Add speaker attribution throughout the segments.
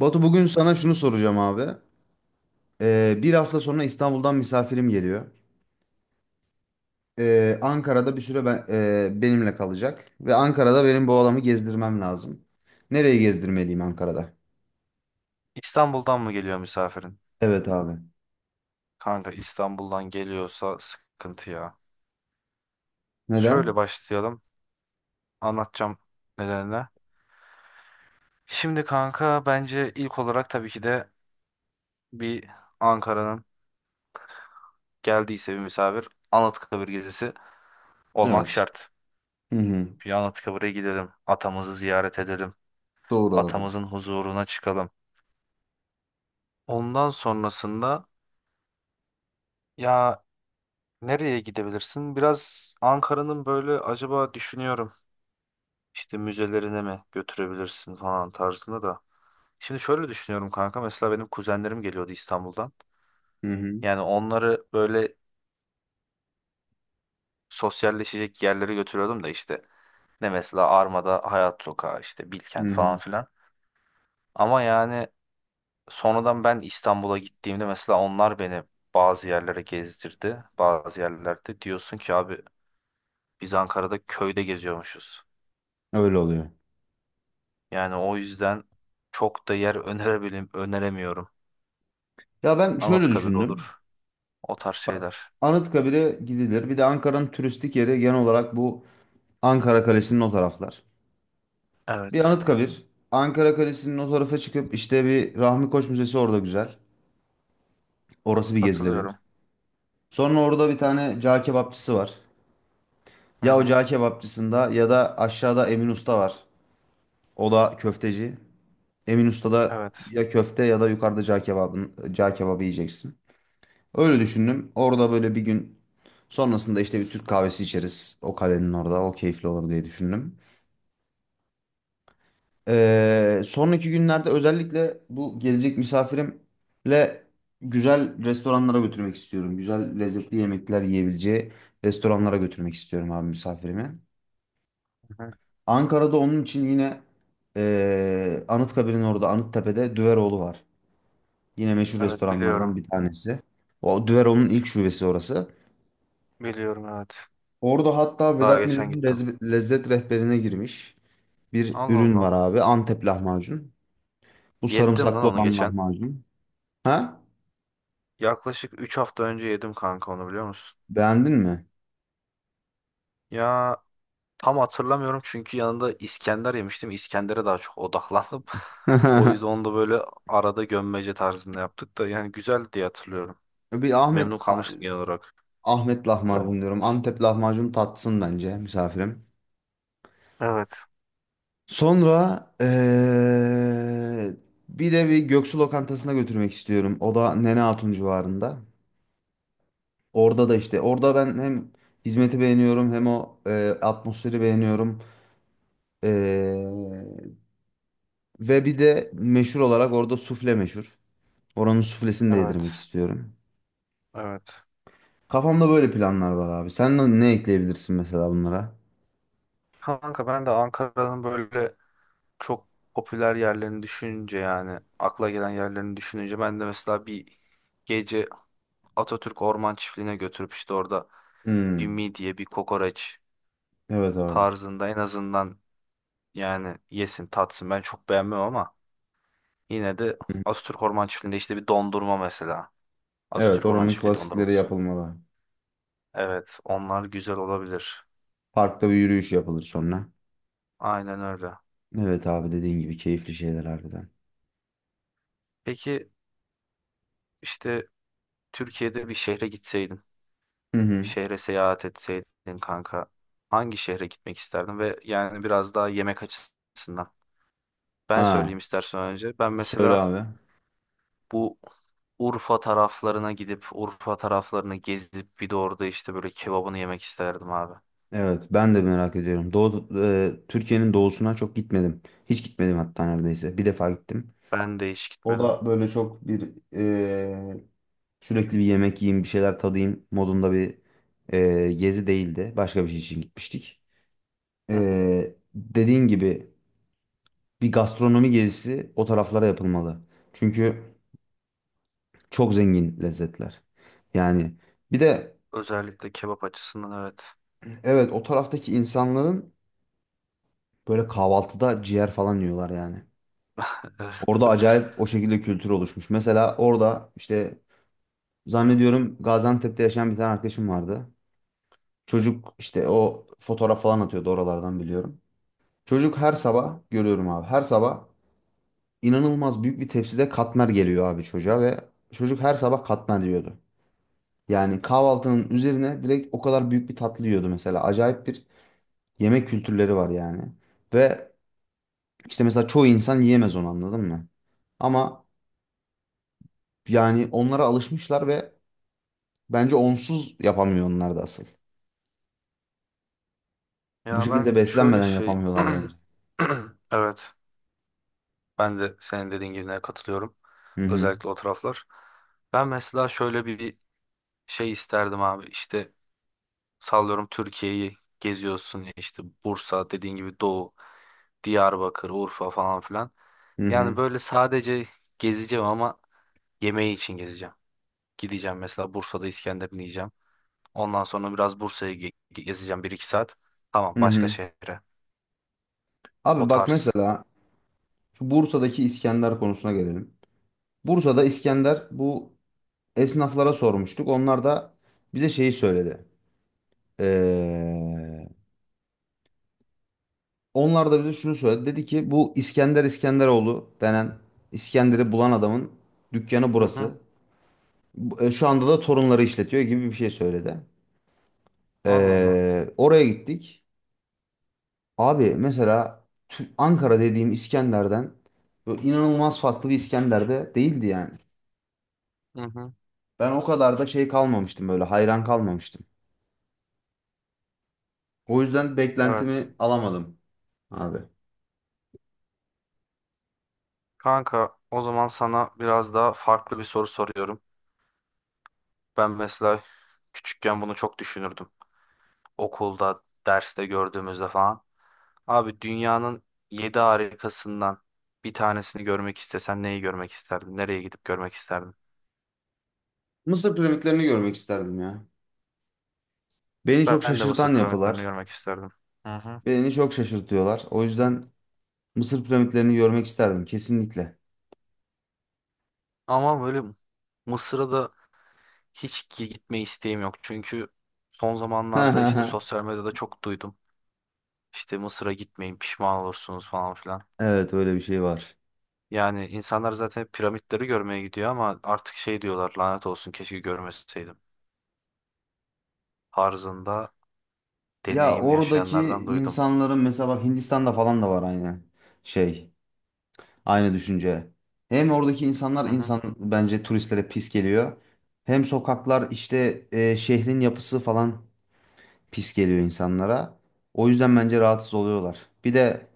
Speaker 1: Batu, bugün sana şunu soracağım abi. Bir hafta sonra İstanbul'dan misafirim geliyor. Ankara'da bir süre benimle kalacak. Ve Ankara'da benim bu adamı gezdirmem lazım. Nereye gezdirmeliyim Ankara'da?
Speaker 2: İstanbul'dan mı geliyor misafirin?
Speaker 1: Evet abi.
Speaker 2: Kanka İstanbul'dan geliyorsa sıkıntı ya. Şöyle
Speaker 1: Neden?
Speaker 2: başlayalım. Anlatacağım nedenine. Şimdi kanka bence ilk olarak tabii ki de bir Ankara'nın geldiyse bir misafir Anıtkabir gezisi olmak
Speaker 1: Evet.
Speaker 2: şart.
Speaker 1: Hı hı.
Speaker 2: Bir Anıtkabir'e gidelim. Atamızı ziyaret edelim.
Speaker 1: Doğru abi.
Speaker 2: Atamızın huzuruna çıkalım. Ondan sonrasında ya nereye gidebilirsin? Biraz Ankara'nın böyle acaba düşünüyorum. İşte müzelerine mi götürebilirsin falan tarzında da. Şimdi şöyle düşünüyorum kanka, mesela benim kuzenlerim geliyordu İstanbul'dan.
Speaker 1: Hı hı.
Speaker 2: Yani onları böyle sosyalleşecek yerlere götürüyordum da işte, ne mesela, Arma'da Hayat Sokağı, işte
Speaker 1: Hı
Speaker 2: Bilkent
Speaker 1: hı.
Speaker 2: falan filan. Ama yani sonradan ben İstanbul'a gittiğimde mesela onlar beni bazı yerlere gezdirdi. Bazı yerlerde diyorsun ki abi, biz Ankara'da köyde geziyormuşuz.
Speaker 1: Öyle oluyor.
Speaker 2: Yani o yüzden çok da yer önerebilirim, öneremiyorum.
Speaker 1: Ya ben şöyle
Speaker 2: Anıtkabir
Speaker 1: düşündüm.
Speaker 2: olur. O tarz
Speaker 1: Bak,
Speaker 2: şeyler.
Speaker 1: Anıtkabir'e gidilir. Bir de Ankara'nın turistik yeri genel olarak bu Ankara Kalesi'nin o taraflar. Bir
Speaker 2: Evet.
Speaker 1: Anıtkabir. Ankara Kalesi'nin o tarafa çıkıp işte bir Rahmi Koç Müzesi orada güzel. Orası bir gezilebilir.
Speaker 2: Katılıyorum.
Speaker 1: Sonra orada bir tane cağ kebapçısı var.
Speaker 2: Hı
Speaker 1: Ya o
Speaker 2: hı.
Speaker 1: cağ kebapçısında ya da aşağıda Emin Usta var. O da köfteci. Emin Usta'da
Speaker 2: Evet.
Speaker 1: ya köfte ya da yukarıda cağ kebabı yiyeceksin. Öyle düşündüm. Orada böyle bir gün sonrasında işte bir Türk kahvesi içeriz. O kalenin orada. O keyifli olur diye düşündüm. Sonraki günlerde özellikle bu gelecek misafirimle güzel restoranlara götürmek istiyorum. Güzel lezzetli yemekler yiyebileceği restoranlara götürmek istiyorum abi misafirimi.
Speaker 2: Hı hı.
Speaker 1: Ankara'da onun için yine Anıtkabir'in orada Anıttepe'de Düveroğlu var. Yine meşhur
Speaker 2: Evet, biliyorum.
Speaker 1: restoranlardan bir tanesi. O Düveroğlu'nun ilk şubesi orası.
Speaker 2: Biliyorum, evet.
Speaker 1: Orada hatta
Speaker 2: Daha
Speaker 1: Vedat
Speaker 2: geçen
Speaker 1: Milor'un
Speaker 2: gittim.
Speaker 1: lezzet rehberine girmiş bir
Speaker 2: Allah
Speaker 1: ürün var
Speaker 2: Allah.
Speaker 1: abi. Antep lahmacun. Bu
Speaker 2: Yedim lan
Speaker 1: sarımsaklı
Speaker 2: onu
Speaker 1: olan
Speaker 2: geçen.
Speaker 1: lahmacun. Ha?
Speaker 2: Yaklaşık 3 hafta önce yedim kanka, onu biliyor musun?
Speaker 1: Beğendin mi?
Speaker 2: Ya, tam hatırlamıyorum çünkü yanında İskender yemiştim. İskender'e daha çok odaklandım. O yüzden onu da böyle arada gömmece tarzında yaptık da, yani güzeldi diye hatırlıyorum.
Speaker 1: Bir Ahmet
Speaker 2: Memnun
Speaker 1: Ah-
Speaker 2: kalmıştım genel olarak.
Speaker 1: Ahmet lahmacun diyorum. Antep lahmacun tatsın bence misafirim.
Speaker 2: Evet.
Speaker 1: Sonra bir de bir Göksu lokantasına götürmek istiyorum. O da Nene Hatun civarında. Orada da işte orada ben hem hizmeti beğeniyorum hem o atmosferi beğeniyorum. Eee, Ve bir de meşhur olarak orada sufle meşhur. Oranın suflesini de yedirmek
Speaker 2: Evet.
Speaker 1: istiyorum.
Speaker 2: Evet.
Speaker 1: Kafamda böyle planlar var abi. Sen de ne ekleyebilirsin mesela bunlara?
Speaker 2: Kanka ben de Ankara'nın böyle çok popüler yerlerini düşününce, yani akla gelen yerlerini düşününce, ben de mesela bir gece Atatürk Orman Çiftliği'ne götürüp işte orada bir
Speaker 1: Hmm,
Speaker 2: midye, bir kokoreç
Speaker 1: evet abi.
Speaker 2: tarzında en azından, yani yesin tatsın, ben çok beğenmem ama yine de
Speaker 1: Hı.
Speaker 2: Atatürk Orman Çiftliği'nde işte bir dondurma mesela,
Speaker 1: Evet,
Speaker 2: Atatürk Orman
Speaker 1: oranın
Speaker 2: Çiftliği
Speaker 1: klasikleri
Speaker 2: dondurması,
Speaker 1: yapılmalı.
Speaker 2: evet onlar güzel olabilir,
Speaker 1: Parkta bir yürüyüş yapılır sonra.
Speaker 2: aynen öyle.
Speaker 1: Evet abi, dediğin gibi keyifli şeyler harbiden.
Speaker 2: Peki, işte Türkiye'de bir şehre gitseydin,
Speaker 1: Hı hı.
Speaker 2: şehre seyahat etseydin kanka, hangi şehre gitmek isterdin? Ve yani biraz daha yemek açısından. Ben
Speaker 1: Ha,
Speaker 2: söyleyeyim istersen önce. Ben
Speaker 1: söyle
Speaker 2: mesela
Speaker 1: abi.
Speaker 2: bu Urfa taraflarına gidip Urfa taraflarını gezip bir de orada işte böyle kebabını yemek isterdim abi.
Speaker 1: Evet, ben de merak ediyorum. Türkiye'nin doğusuna çok gitmedim. Hiç gitmedim hatta neredeyse. Bir defa gittim.
Speaker 2: Ben de hiç
Speaker 1: O
Speaker 2: gitmedim.
Speaker 1: da böyle çok bir e, sürekli bir yemek yiyeyim bir şeyler tadayım modunda bir gezi değildi. Başka bir şey için gitmiştik.
Speaker 2: Hı hı.
Speaker 1: E, dediğin gibi bir gastronomi gezisi o taraflara yapılmalı. Çünkü çok zengin lezzetler. Yani bir de
Speaker 2: Özellikle kebap açısından, evet.
Speaker 1: evet, o taraftaki insanların böyle kahvaltıda ciğer falan yiyorlar yani. Orada
Speaker 2: Evet.
Speaker 1: acayip o şekilde kültür oluşmuş. Mesela orada işte zannediyorum Gaziantep'te yaşayan bir tane arkadaşım vardı. Çocuk işte o fotoğraf falan atıyordu oralardan, biliyorum. Çocuk her sabah görüyorum abi. Her sabah inanılmaz büyük bir tepside katmer geliyor abi çocuğa ve çocuk her sabah katmer diyordu. Yani kahvaltının üzerine direkt o kadar büyük bir tatlı yiyordu mesela. Acayip bir yemek kültürleri var yani. Ve işte mesela çoğu insan yiyemez onu, anladın mı? Ama yani onlara alışmışlar ve bence onsuz yapamıyor onlar da asıl. Bu
Speaker 2: Ya ben
Speaker 1: şekilde
Speaker 2: şöyle
Speaker 1: beslenmeden
Speaker 2: şey
Speaker 1: yapamıyorlar bence.
Speaker 2: evet, ben de senin dediğin gibi katılıyorum.
Speaker 1: Hı hı.
Speaker 2: Özellikle o taraflar. Ben mesela şöyle bir şey isterdim abi, işte sallıyorum, Türkiye'yi geziyorsun ya, işte Bursa, dediğin gibi doğu, Diyarbakır, Urfa falan filan.
Speaker 1: Hı
Speaker 2: Yani
Speaker 1: hı.
Speaker 2: böyle sadece gezeceğim ama yemeği için gezeceğim. Gideceğim mesela Bursa'da İskender'ini yiyeceğim. Ondan sonra biraz Bursa'yı gezeceğim bir iki saat. Tamam,
Speaker 1: Hı
Speaker 2: başka
Speaker 1: hı.
Speaker 2: şehre. O
Speaker 1: Abi bak,
Speaker 2: tarz.
Speaker 1: mesela şu Bursa'daki İskender konusuna gelelim. Bursa'da İskender bu esnaflara sormuştuk. Onlar da bize şeyi söyledi. Ee, Onlar da bize şunu söyledi. Dedi ki bu İskender, İskenderoğlu denen İskender'i bulan adamın dükkanı
Speaker 2: Hı hı.
Speaker 1: burası. Şu anda da torunları işletiyor gibi bir şey söyledi.
Speaker 2: Allah Allah.
Speaker 1: Oraya gittik. Abi mesela Ankara dediğim İskender'den böyle inanılmaz farklı bir İskender de değildi yani.
Speaker 2: Hı hı.
Speaker 1: Ben o kadar da şey kalmamıştım, böyle hayran kalmamıştım. O yüzden
Speaker 2: Evet.
Speaker 1: beklentimi alamadım abi.
Speaker 2: Kanka o zaman sana biraz daha farklı bir soru soruyorum. Ben mesela küçükken bunu çok düşünürdüm. Okulda, derste gördüğümüzde falan. Abi, dünyanın yedi harikasından bir tanesini görmek istesen, neyi görmek isterdin? Nereye gidip görmek isterdin?
Speaker 1: Mısır piramitlerini görmek isterdim ya. Beni çok
Speaker 2: Ben de Mısır
Speaker 1: şaşırtan
Speaker 2: piramitlerini
Speaker 1: yapılar.
Speaker 2: görmek isterdim. Hı hı.
Speaker 1: Beni çok şaşırtıyorlar. O yüzden Mısır piramitlerini görmek isterdim kesinlikle.
Speaker 2: Ama böyle Mısır'a da hiç gitme isteğim yok. Çünkü son zamanlarda işte sosyal medyada çok duydum. İşte Mısır'a gitmeyin, pişman olursunuz falan filan.
Speaker 1: Evet, öyle bir şey var.
Speaker 2: Yani insanlar zaten hep piramitleri görmeye gidiyor ama artık şey diyorlar, lanet olsun, keşke görmeseydim. Tarzında
Speaker 1: Ya
Speaker 2: deneyim
Speaker 1: oradaki
Speaker 2: yaşayanlardan duydum.
Speaker 1: insanların mesela bak Hindistan'da falan da var aynı şey, aynı düşünce. Hem oradaki insanlar
Speaker 2: Hı hı,
Speaker 1: insan bence turistlere pis geliyor. Hem sokaklar işte şehrin yapısı falan pis geliyor insanlara. O yüzden bence rahatsız oluyorlar. Bir de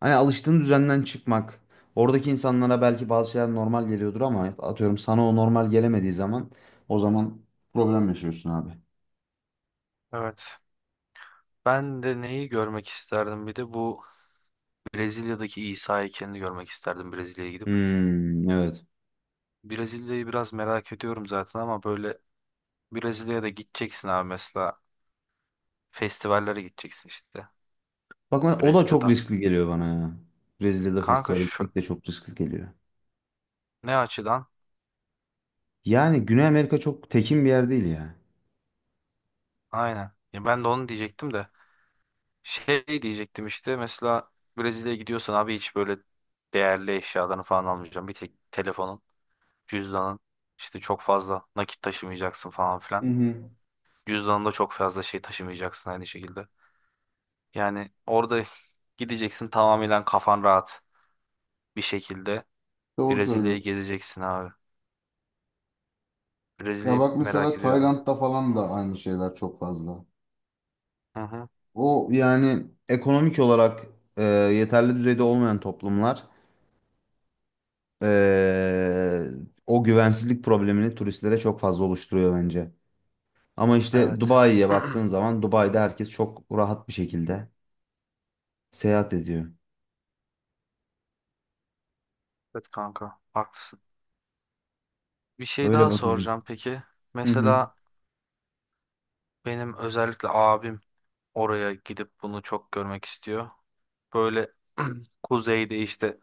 Speaker 1: hani alıştığın düzenden çıkmak. Oradaki insanlara belki bazı şeyler normal geliyordur ama atıyorum sana o normal gelemediği zaman problem yaşıyorsun abi.
Speaker 2: evet. Ben de neyi görmek isterdim bir de, bu Brezilya'daki İsa heykelini görmek isterdim, Brezilya'ya gidip.
Speaker 1: Hmm, evet.
Speaker 2: Brezilya'yı biraz merak ediyorum zaten ama böyle Brezilya'ya da gideceksin abi, mesela festivallere gideceksin işte
Speaker 1: Bak o da çok
Speaker 2: Brezilya'dan.
Speaker 1: riskli geliyor bana ya. Brezilya'da
Speaker 2: Kanka
Speaker 1: festivale
Speaker 2: şu
Speaker 1: gitmek de çok riskli geliyor.
Speaker 2: ne açıdan?
Speaker 1: Yani Güney Amerika çok tekin bir yer değil ya.
Speaker 2: Aynen. Ya ben de onu diyecektim de, şey diyecektim, işte mesela Brezilya'ya gidiyorsan abi hiç böyle değerli eşyalarını falan almayacağım. Bir tek telefonun. Cüzdanın, işte çok fazla nakit taşımayacaksın falan
Speaker 1: Hı
Speaker 2: filan.
Speaker 1: hı.
Speaker 2: Cüzdanında çok fazla şey taşımayacaksın aynı şekilde. Yani orada gideceksin tamamen kafan rahat bir şekilde.
Speaker 1: Doğru
Speaker 2: Brezilya'yı
Speaker 1: söylüyorsun.
Speaker 2: gezeceksin abi.
Speaker 1: Ya
Speaker 2: Brezilya'yı
Speaker 1: bak mesela
Speaker 2: merak ediyorum.
Speaker 1: Tayland'da falan da aynı şeyler çok fazla.
Speaker 2: Hı hı.
Speaker 1: O yani ekonomik olarak yeterli düzeyde olmayan toplumlar. Ee, O güvensizlik problemini turistlere çok fazla oluşturuyor bence. Ama işte
Speaker 2: Evet.
Speaker 1: Dubai'ye baktığın zaman Dubai'de herkes çok rahat bir şekilde seyahat ediyor.
Speaker 2: Evet kanka, haklısın. Bir şey
Speaker 1: Öyle
Speaker 2: daha
Speaker 1: Batucuğum.
Speaker 2: soracağım peki.
Speaker 1: Hı hı.
Speaker 2: Mesela benim özellikle abim oraya gidip bunu çok görmek istiyor. Böyle kuzeyde, işte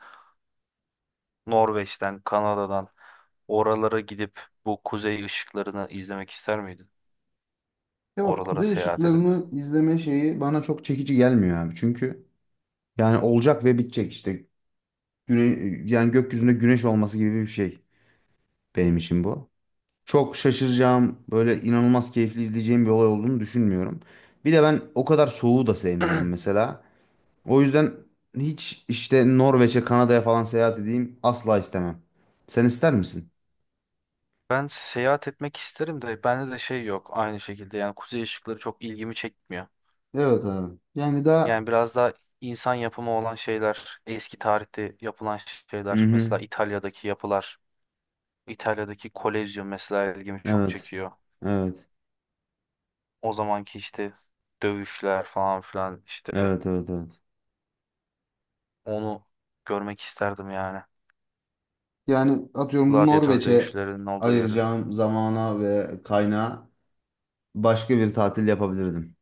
Speaker 2: Norveç'ten, Kanada'dan, oralara gidip bu kuzey ışıklarını izlemek ister miydin?
Speaker 1: Ya bak,
Speaker 2: Oralara
Speaker 1: kuzey
Speaker 2: seyahat edip.
Speaker 1: ışıklarını izleme şeyi bana çok çekici gelmiyor abi. Çünkü yani olacak ve bitecek işte. Güne yani gökyüzünde güneş olması gibi bir şey benim için bu. Çok şaşıracağım, böyle inanılmaz keyifli izleyeceğim bir olay olduğunu düşünmüyorum. Bir de ben o kadar soğuğu da sevmiyorum mesela. O yüzden hiç işte Norveç'e, Kanada'ya falan seyahat edeyim asla istemem. Sen ister misin?
Speaker 2: Ben seyahat etmek isterim de bende de şey yok aynı şekilde, yani kuzey ışıkları çok ilgimi çekmiyor.
Speaker 1: Evet abi. Yani daha
Speaker 2: Yani biraz daha insan yapımı olan şeyler, eski tarihte yapılan
Speaker 1: hı
Speaker 2: şeyler, mesela
Speaker 1: hı.
Speaker 2: İtalya'daki yapılar, İtalya'daki Kolezyum mesela ilgimi çok
Speaker 1: Evet.
Speaker 2: çekiyor.
Speaker 1: Evet.
Speaker 2: O zamanki işte dövüşler falan filan işte,
Speaker 1: Evet, evet, evet.
Speaker 2: onu görmek isterdim yani.
Speaker 1: Yani atıyorum
Speaker 2: Gladyatör
Speaker 1: Norveç'e
Speaker 2: dövüşçülerinin olduğu yeri.
Speaker 1: ayıracağım zamana ve kaynağa başka bir tatil yapabilirdim.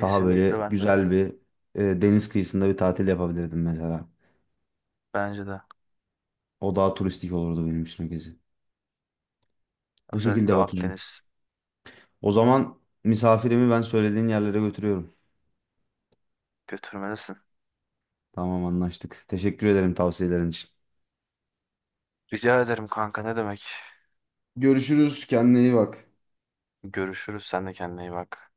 Speaker 1: Daha böyle
Speaker 2: ben de öyle.
Speaker 1: güzel bir deniz kıyısında bir tatil yapabilirdim mesela.
Speaker 2: Bence de.
Speaker 1: O daha turistik olurdu benim için o gezi. Bu şekilde
Speaker 2: Özellikle
Speaker 1: Batucuğum.
Speaker 2: Akdeniz,
Speaker 1: O zaman misafirimi ben söylediğin yerlere götürüyorum.
Speaker 2: götürmelisin.
Speaker 1: Tamam, anlaştık. Teşekkür ederim tavsiyelerin için.
Speaker 2: Rica ederim kanka, ne demek.
Speaker 1: Görüşürüz. Kendine iyi bak.
Speaker 2: Görüşürüz. Sen de kendine iyi bak.